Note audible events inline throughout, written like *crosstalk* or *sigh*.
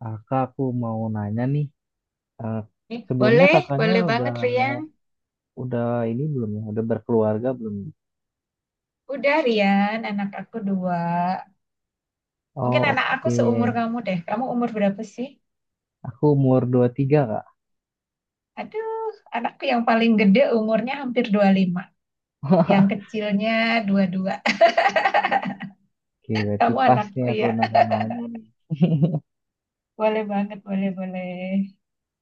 Kakak, aku mau nanya nih, eh, Eh, sebelumnya boleh, kakaknya boleh udah banget, Rian. udah ini belum ya? Udah berkeluarga belum? Udah, Rian, anak aku dua. Mungkin Oh anak aku oke. seumur kamu deh. Kamu umur berapa sih? Aku umur 23 kak. Aduh, anakku yang paling gede umurnya hampir 25. Yang *laughs* kecilnya 22. Oke, *laughs* berarti Kamu pas nih anakku, aku ya. nanya-nanya nih. Boleh banget, boleh, boleh.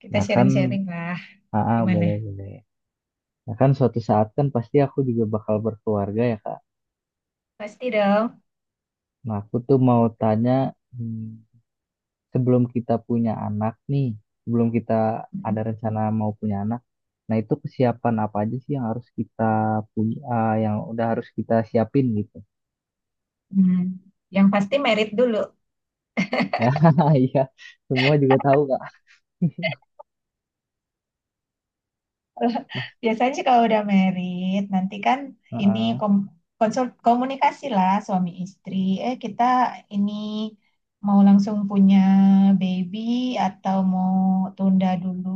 Kita Nah kan, sharing-sharing lah. Gimana? boleh boleh. Nah kan suatu saat kan pasti aku juga bakal berkeluarga ya kak. Pasti dong. Nah aku tuh mau tanya, hmm, sebelum kita punya anak nih, sebelum kita ada rencana mau punya anak, nah itu kesiapan apa aja sih yang harus kita punya, yang udah harus kita siapin gitu? *laughs* Hmm. Yang pasti merit dulu. Ya, iya, semua juga tahu kak. *laughs* Mas, Biasanya sih kalau udah married, nanti kan ini heeh. kom komunikasi lah suami istri. Kita ini mau langsung punya baby atau mau tunda dulu,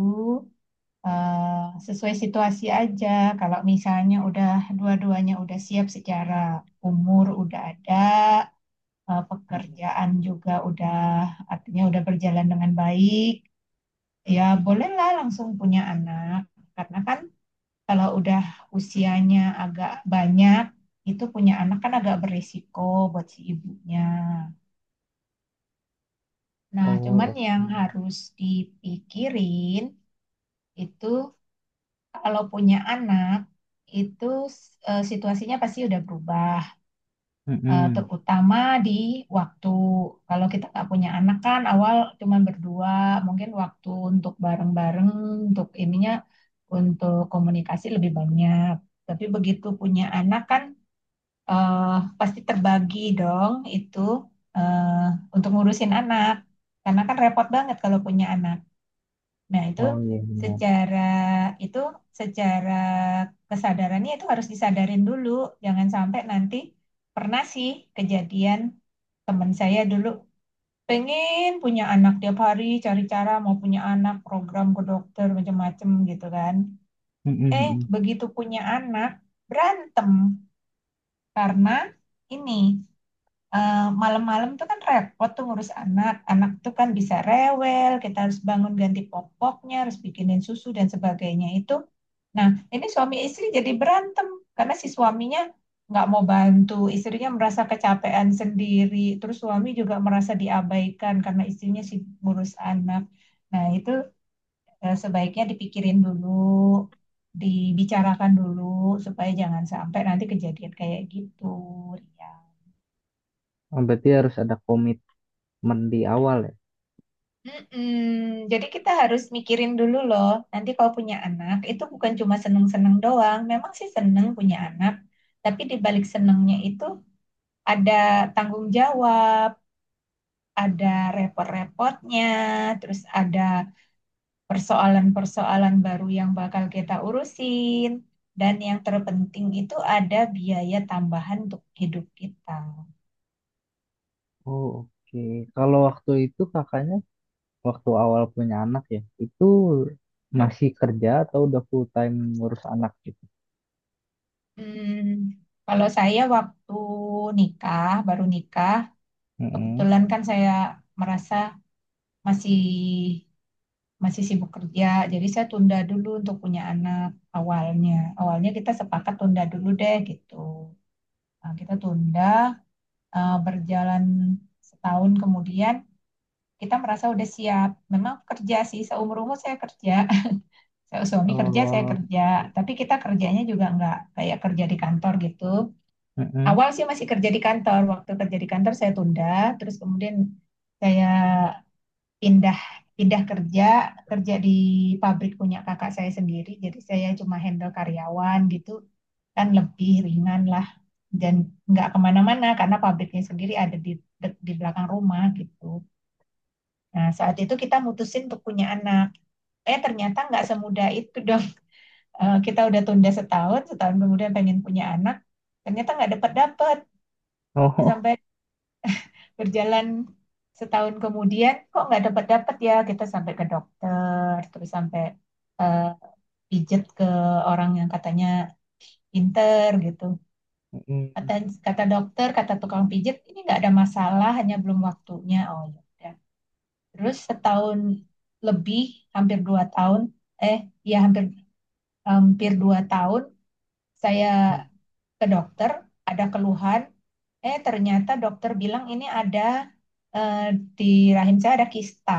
sesuai situasi aja. Kalau misalnya udah dua-duanya udah siap secara umur udah ada, pekerjaan juga udah artinya udah berjalan dengan baik, ya bolehlah langsung punya anak. Karena kan kalau udah usianya agak banyak, itu punya anak kan agak berisiko buat si ibunya. Nah, cuman Oh oke. yang harus dipikirin itu kalau punya anak, itu situasinya pasti udah berubah. Eh, Mm-mm. terutama di waktu. Kalau kita nggak punya anak kan awal cuman berdua, mungkin waktu untuk bareng-bareng, untuk ininya, untuk komunikasi lebih banyak. Tapi begitu punya anak kan eh, pasti terbagi dong itu, eh, untuk ngurusin anak. Karena kan repot banget kalau punya anak. Nah, Oh iya benar. secara itu secara kesadarannya itu harus disadarin dulu. Jangan sampai nanti pernah sih kejadian. Teman saya dulu pengen punya anak, tiap hari cari cara mau punya anak, program ke dokter macam-macam gitu kan. Mm-mm, mm-mm. Begitu punya anak, berantem karena ini, eh, malam-malam tuh kan repot tuh ngurus anak. Anak tuh kan bisa rewel, kita harus bangun ganti popoknya, harus bikinin susu dan sebagainya itu. Nah, ini suami istri jadi berantem karena si suaminya nggak mau bantu, istrinya merasa kecapean sendiri, terus suami juga merasa diabaikan karena istrinya sibuk ngurus anak. Nah, itu sebaiknya dipikirin dulu, dibicarakan dulu supaya jangan sampai nanti kejadian kayak gitu, ya. Oh, berarti harus ada komitmen di awal ya. Mm-mm. Jadi kita harus mikirin dulu loh. Nanti kalau punya anak itu bukan cuma seneng-seneng doang. Memang sih seneng punya anak, tapi di balik senengnya itu ada tanggung jawab, ada repot-repotnya, terus ada persoalan-persoalan baru yang bakal kita urusin, dan yang terpenting itu ada biaya tambahan untuk hidup kita. Oh oke. Kalau waktu itu kakaknya waktu awal punya anak ya, itu masih kerja atau udah full time ngurus anak gitu? Hmm, kalau saya waktu nikah, baru nikah, Mm-mm. kebetulan kan saya merasa masih masih sibuk kerja, jadi saya tunda dulu untuk punya anak awalnya. Awalnya kita sepakat tunda dulu deh gitu. Nah, kita tunda, berjalan setahun kemudian kita merasa udah siap. Memang kerja sih, seumur umur saya kerja. *laughs* Saya suami kerja, saya Oh, kerja. Tapi kita kerjanya juga nggak kayak kerja di kantor gitu. mm-mm. Awal sih masih kerja di kantor. Waktu kerja di kantor saya tunda, terus kemudian saya pindah pindah kerja, di pabrik punya kakak saya sendiri, jadi saya cuma handle karyawan gitu, kan lebih ringan lah, dan nggak kemana-mana karena pabriknya sendiri ada di di belakang rumah gitu. Nah, saat itu kita mutusin untuk punya anak. Ternyata nggak semudah itu dong. *laughs* Kita udah tunda setahun, setahun kemudian pengen punya anak, ternyata nggak dapat dapat. Oh, Sampai berjalan setahun kemudian, kok nggak dapat dapat ya, kita sampai ke dokter, terus sampai eh, pijet ke orang yang katanya pinter gitu. *laughs* mm-mm. Kata kata dokter, kata tukang pijet, ini nggak ada masalah, hanya belum waktunya. Oh, ya, udah. Terus setahun lebih, hampir 2 tahun, eh ya, hampir hampir 2 tahun saya ke dokter, ada keluhan. Ternyata dokter bilang ini ada, eh, di rahim saya ada kista.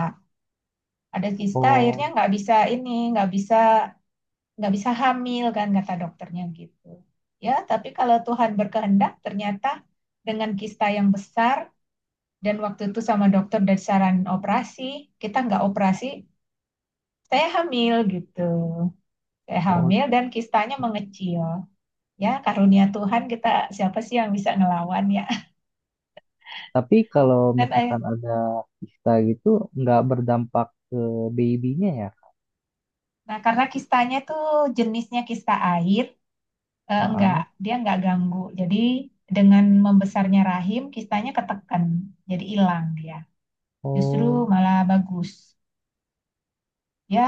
Ada kista, akhirnya Oh, nggak bisa ini, nggak bisa hamil kan kata dokternya gitu. Ya, tapi kalau Tuhan berkehendak, ternyata dengan kista yang besar, dan waktu itu sama dokter dari saran operasi, kita nggak operasi, saya hamil gitu. Saya oh. hamil dan kistanya mengecil. Ya, karunia Tuhan, kita siapa sih yang bisa ngelawan, ya. Tapi kalau *laughs* Dan misalkan ada kista gitu, nggak berdampak ke babynya ya? nah, karena kistanya tuh jenisnya kista air, enggak, Heeh. dia enggak ganggu. Jadi dengan membesarnya rahim, kistanya ketekan, jadi hilang dia. Justru Oh, malah bagus. Ya,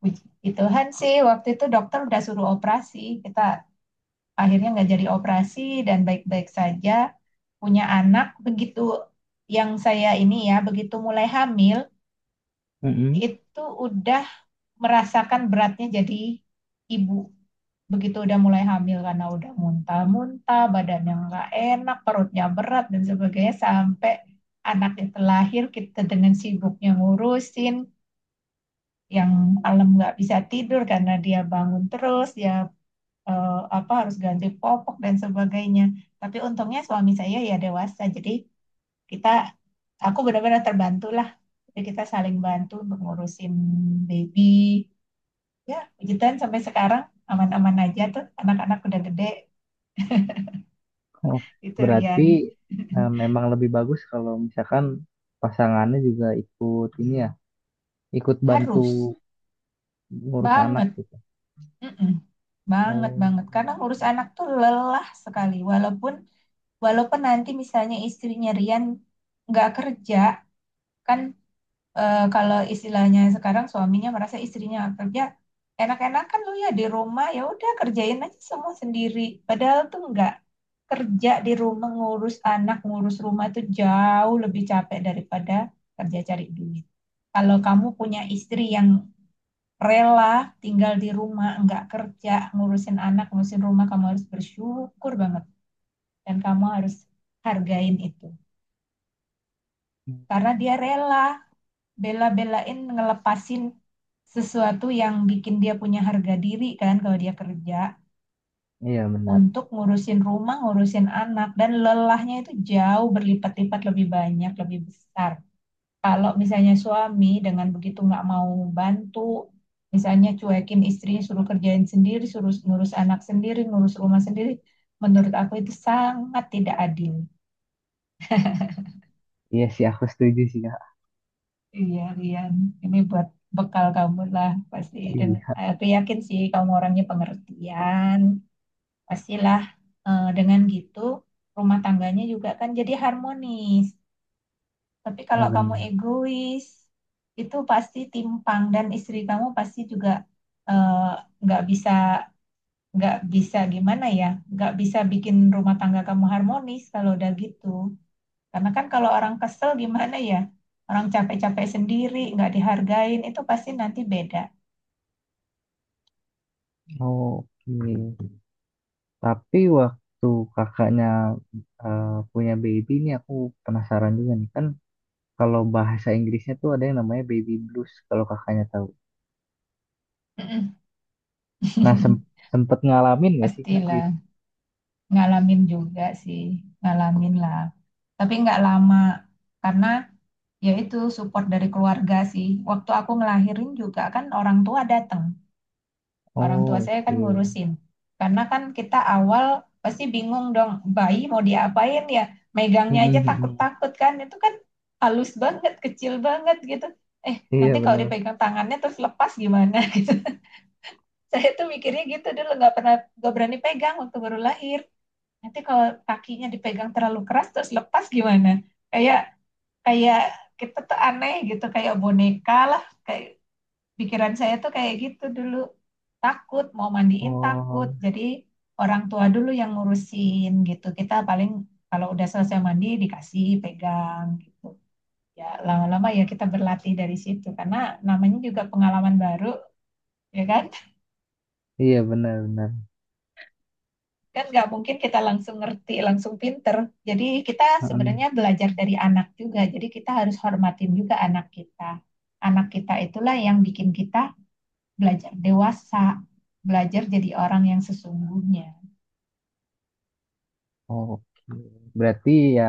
puji Tuhan sih waktu itu dokter udah suruh operasi. Kita akhirnya nggak jadi operasi dan baik-baik saja. Punya anak begitu, yang saya ini ya, begitu mulai hamil mm-mm. itu udah merasakan beratnya jadi ibu. Begitu udah mulai hamil karena udah muntah-muntah, badannya nggak enak, perutnya berat dan sebagainya, sampai anak itu lahir kita dengan sibuknya ngurusin. Yang malam nggak bisa tidur karena dia bangun terus, dia apa, harus ganti popok dan sebagainya. Tapi untungnya suami saya ya dewasa, jadi kita aku benar-benar terbantu lah. Jadi kita saling bantu untuk ngurusin baby. Ya, puji Tuhan sampai sekarang aman-aman aja tuh, anak-anak udah gede, Oh, itu berarti Rian. *laughs* Memang lebih bagus kalau misalkan pasangannya juga ikut ini ya, ikut bantu Harus ngurus anak banget. gitu. Mm-mm. Banget, banget. Oh, Karena ngurus anak tuh lelah sekali, walaupun. Walaupun nanti misalnya istrinya Rian nggak kerja, kan kalau istilahnya sekarang suaminya merasa istrinya nggak kerja, enak-enak kan lu ya di rumah, ya udah kerjain aja semua sendiri. Padahal tuh nggak, kerja di rumah ngurus anak, ngurus rumah itu jauh lebih capek daripada kerja cari duit. Kalau kamu punya istri yang rela tinggal di rumah, nggak kerja, ngurusin anak, ngurusin rumah, kamu harus bersyukur banget, dan kamu harus hargain itu. mm. Karena dia rela bela-belain ngelepasin sesuatu yang bikin dia punya harga diri, kan kalau dia kerja Iya benar. untuk ngurusin rumah, ngurusin anak, dan lelahnya itu jauh berlipat-lipat, lebih banyak, lebih besar. Kalau misalnya suami dengan begitu nggak mau bantu, misalnya cuekin istrinya, suruh kerjain sendiri, suruh ngurus anak sendiri, ngurus rumah sendiri, menurut aku itu sangat tidak adil. Iya sih, aku setuju sih kak. Iya, Rian. Ini buat bekal kamu lah pasti. Dan Iya, aku yakin sih kamu orangnya pengertian. Pastilah, dengan gitu rumah tangganya juga kan jadi harmonis. Tapi kalau kamu benar. egois, itu pasti timpang, dan istri kamu pasti juga eh, nggak bisa, gimana ya, nggak bisa bikin rumah tangga kamu harmonis kalau udah gitu. Karena kan kalau orang kesel gimana ya? Orang capek-capek sendiri, nggak dihargain, itu pasti nanti beda. Oke. Tapi waktu kakaknya punya baby ini aku penasaran juga nih kan kalau bahasa Inggrisnya tuh ada yang namanya baby blues kalau kakaknya tahu. *laughs* Mm-mm. Nah sem- Sempet ngalamin gak sih kak gitu? Pastilah, ngalamin juga sih, ngalamin lah. Tapi nggak lama, karena ya itu support dari keluarga sih. Waktu aku ngelahirin juga kan orang tua datang. Orang tua Oh saya kan oke. ngurusin. Karena kan kita awal pasti bingung dong, bayi mau diapain ya? Megangnya Mm-mm, aja mm-mm. takut-takut kan. Itu kan halus banget, kecil banget gitu. Nanti Iya kalau benar. dipegang tangannya terus lepas gimana gitu. *laughs* Saya tuh mikirnya gitu dulu, nggak pernah, nggak berani pegang waktu baru lahir. Nanti kalau kakinya dipegang terlalu keras terus lepas gimana? Kayak kayak kita tuh aneh gitu, kayak boneka lah, kayak pikiran saya tuh kayak gitu dulu. Takut, mau mandiin Oh takut. Jadi orang tua dulu yang ngurusin gitu. Kita paling kalau udah selesai mandi dikasih pegang gitu. Ya lama-lama ya kita berlatih dari situ. Karena namanya juga pengalaman baru, ya kan? *laughs* iya benar-benar. Kan nggak mungkin kita langsung ngerti, langsung pinter. Jadi kita sebenarnya belajar dari anak juga. Jadi kita harus hormatin juga anak kita. Anak kita itulah yang bikin kita belajar dewasa, belajar jadi orang yang sesungguhnya. Oke. Berarti ya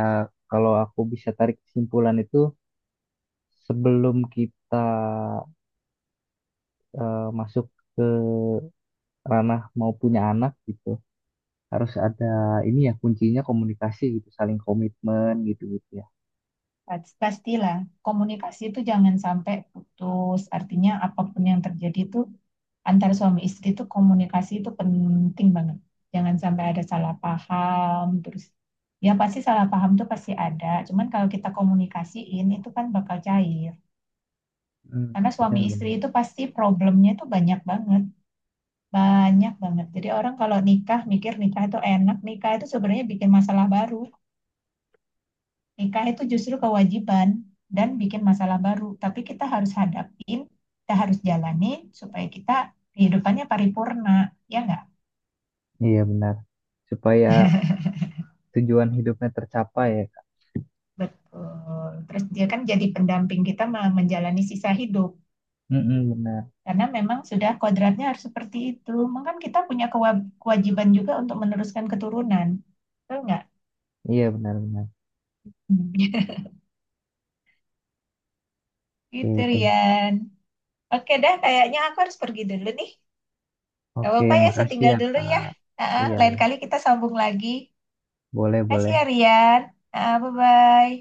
kalau aku bisa tarik kesimpulan itu sebelum kita masuk ke ranah mau punya anak gitu. Harus ada ini ya kuncinya komunikasi gitu, saling komitmen gitu-gitu ya. Pastilah komunikasi itu jangan sampai putus. Artinya apapun yang terjadi itu antara suami istri itu komunikasi itu penting banget. Jangan sampai ada salah paham, terus ya pasti salah paham tuh pasti ada. Cuman kalau kita komunikasiin itu kan bakal cair. Hmm, Karena suami istri benar-benar. itu pasti problemnya itu banyak banget, banyak banget. Jadi orang kalau nikah mikir nikah itu enak, nikah itu sebenarnya bikin masalah baru. Nikah itu justru kewajiban dan bikin masalah baru. Tapi kita harus hadapin, kita harus jalani supaya kita kehidupannya paripurna, ya nggak? Iya benar. Supaya tujuan hidupnya tercapai ya, Kak. Betul. Terus dia kan jadi pendamping kita menjalani sisa hidup. Mm-mm, benar. Karena memang sudah kodratnya harus seperti itu. Mungkin kita punya kewajiban juga untuk meneruskan keturunan. Betul nggak? *laughs* Iya benar-benar. Hmm. Gitu, Oke, thank- Rian. Oke dah, kayaknya aku harus pergi dulu nih. Gak Oke, apa-apa ya, saya makasih tinggal ya, dulu ya. Kak. Iya, Lain kali kita sambung lagi. Makasih boleh-boleh. ya, Rian. Bye-bye.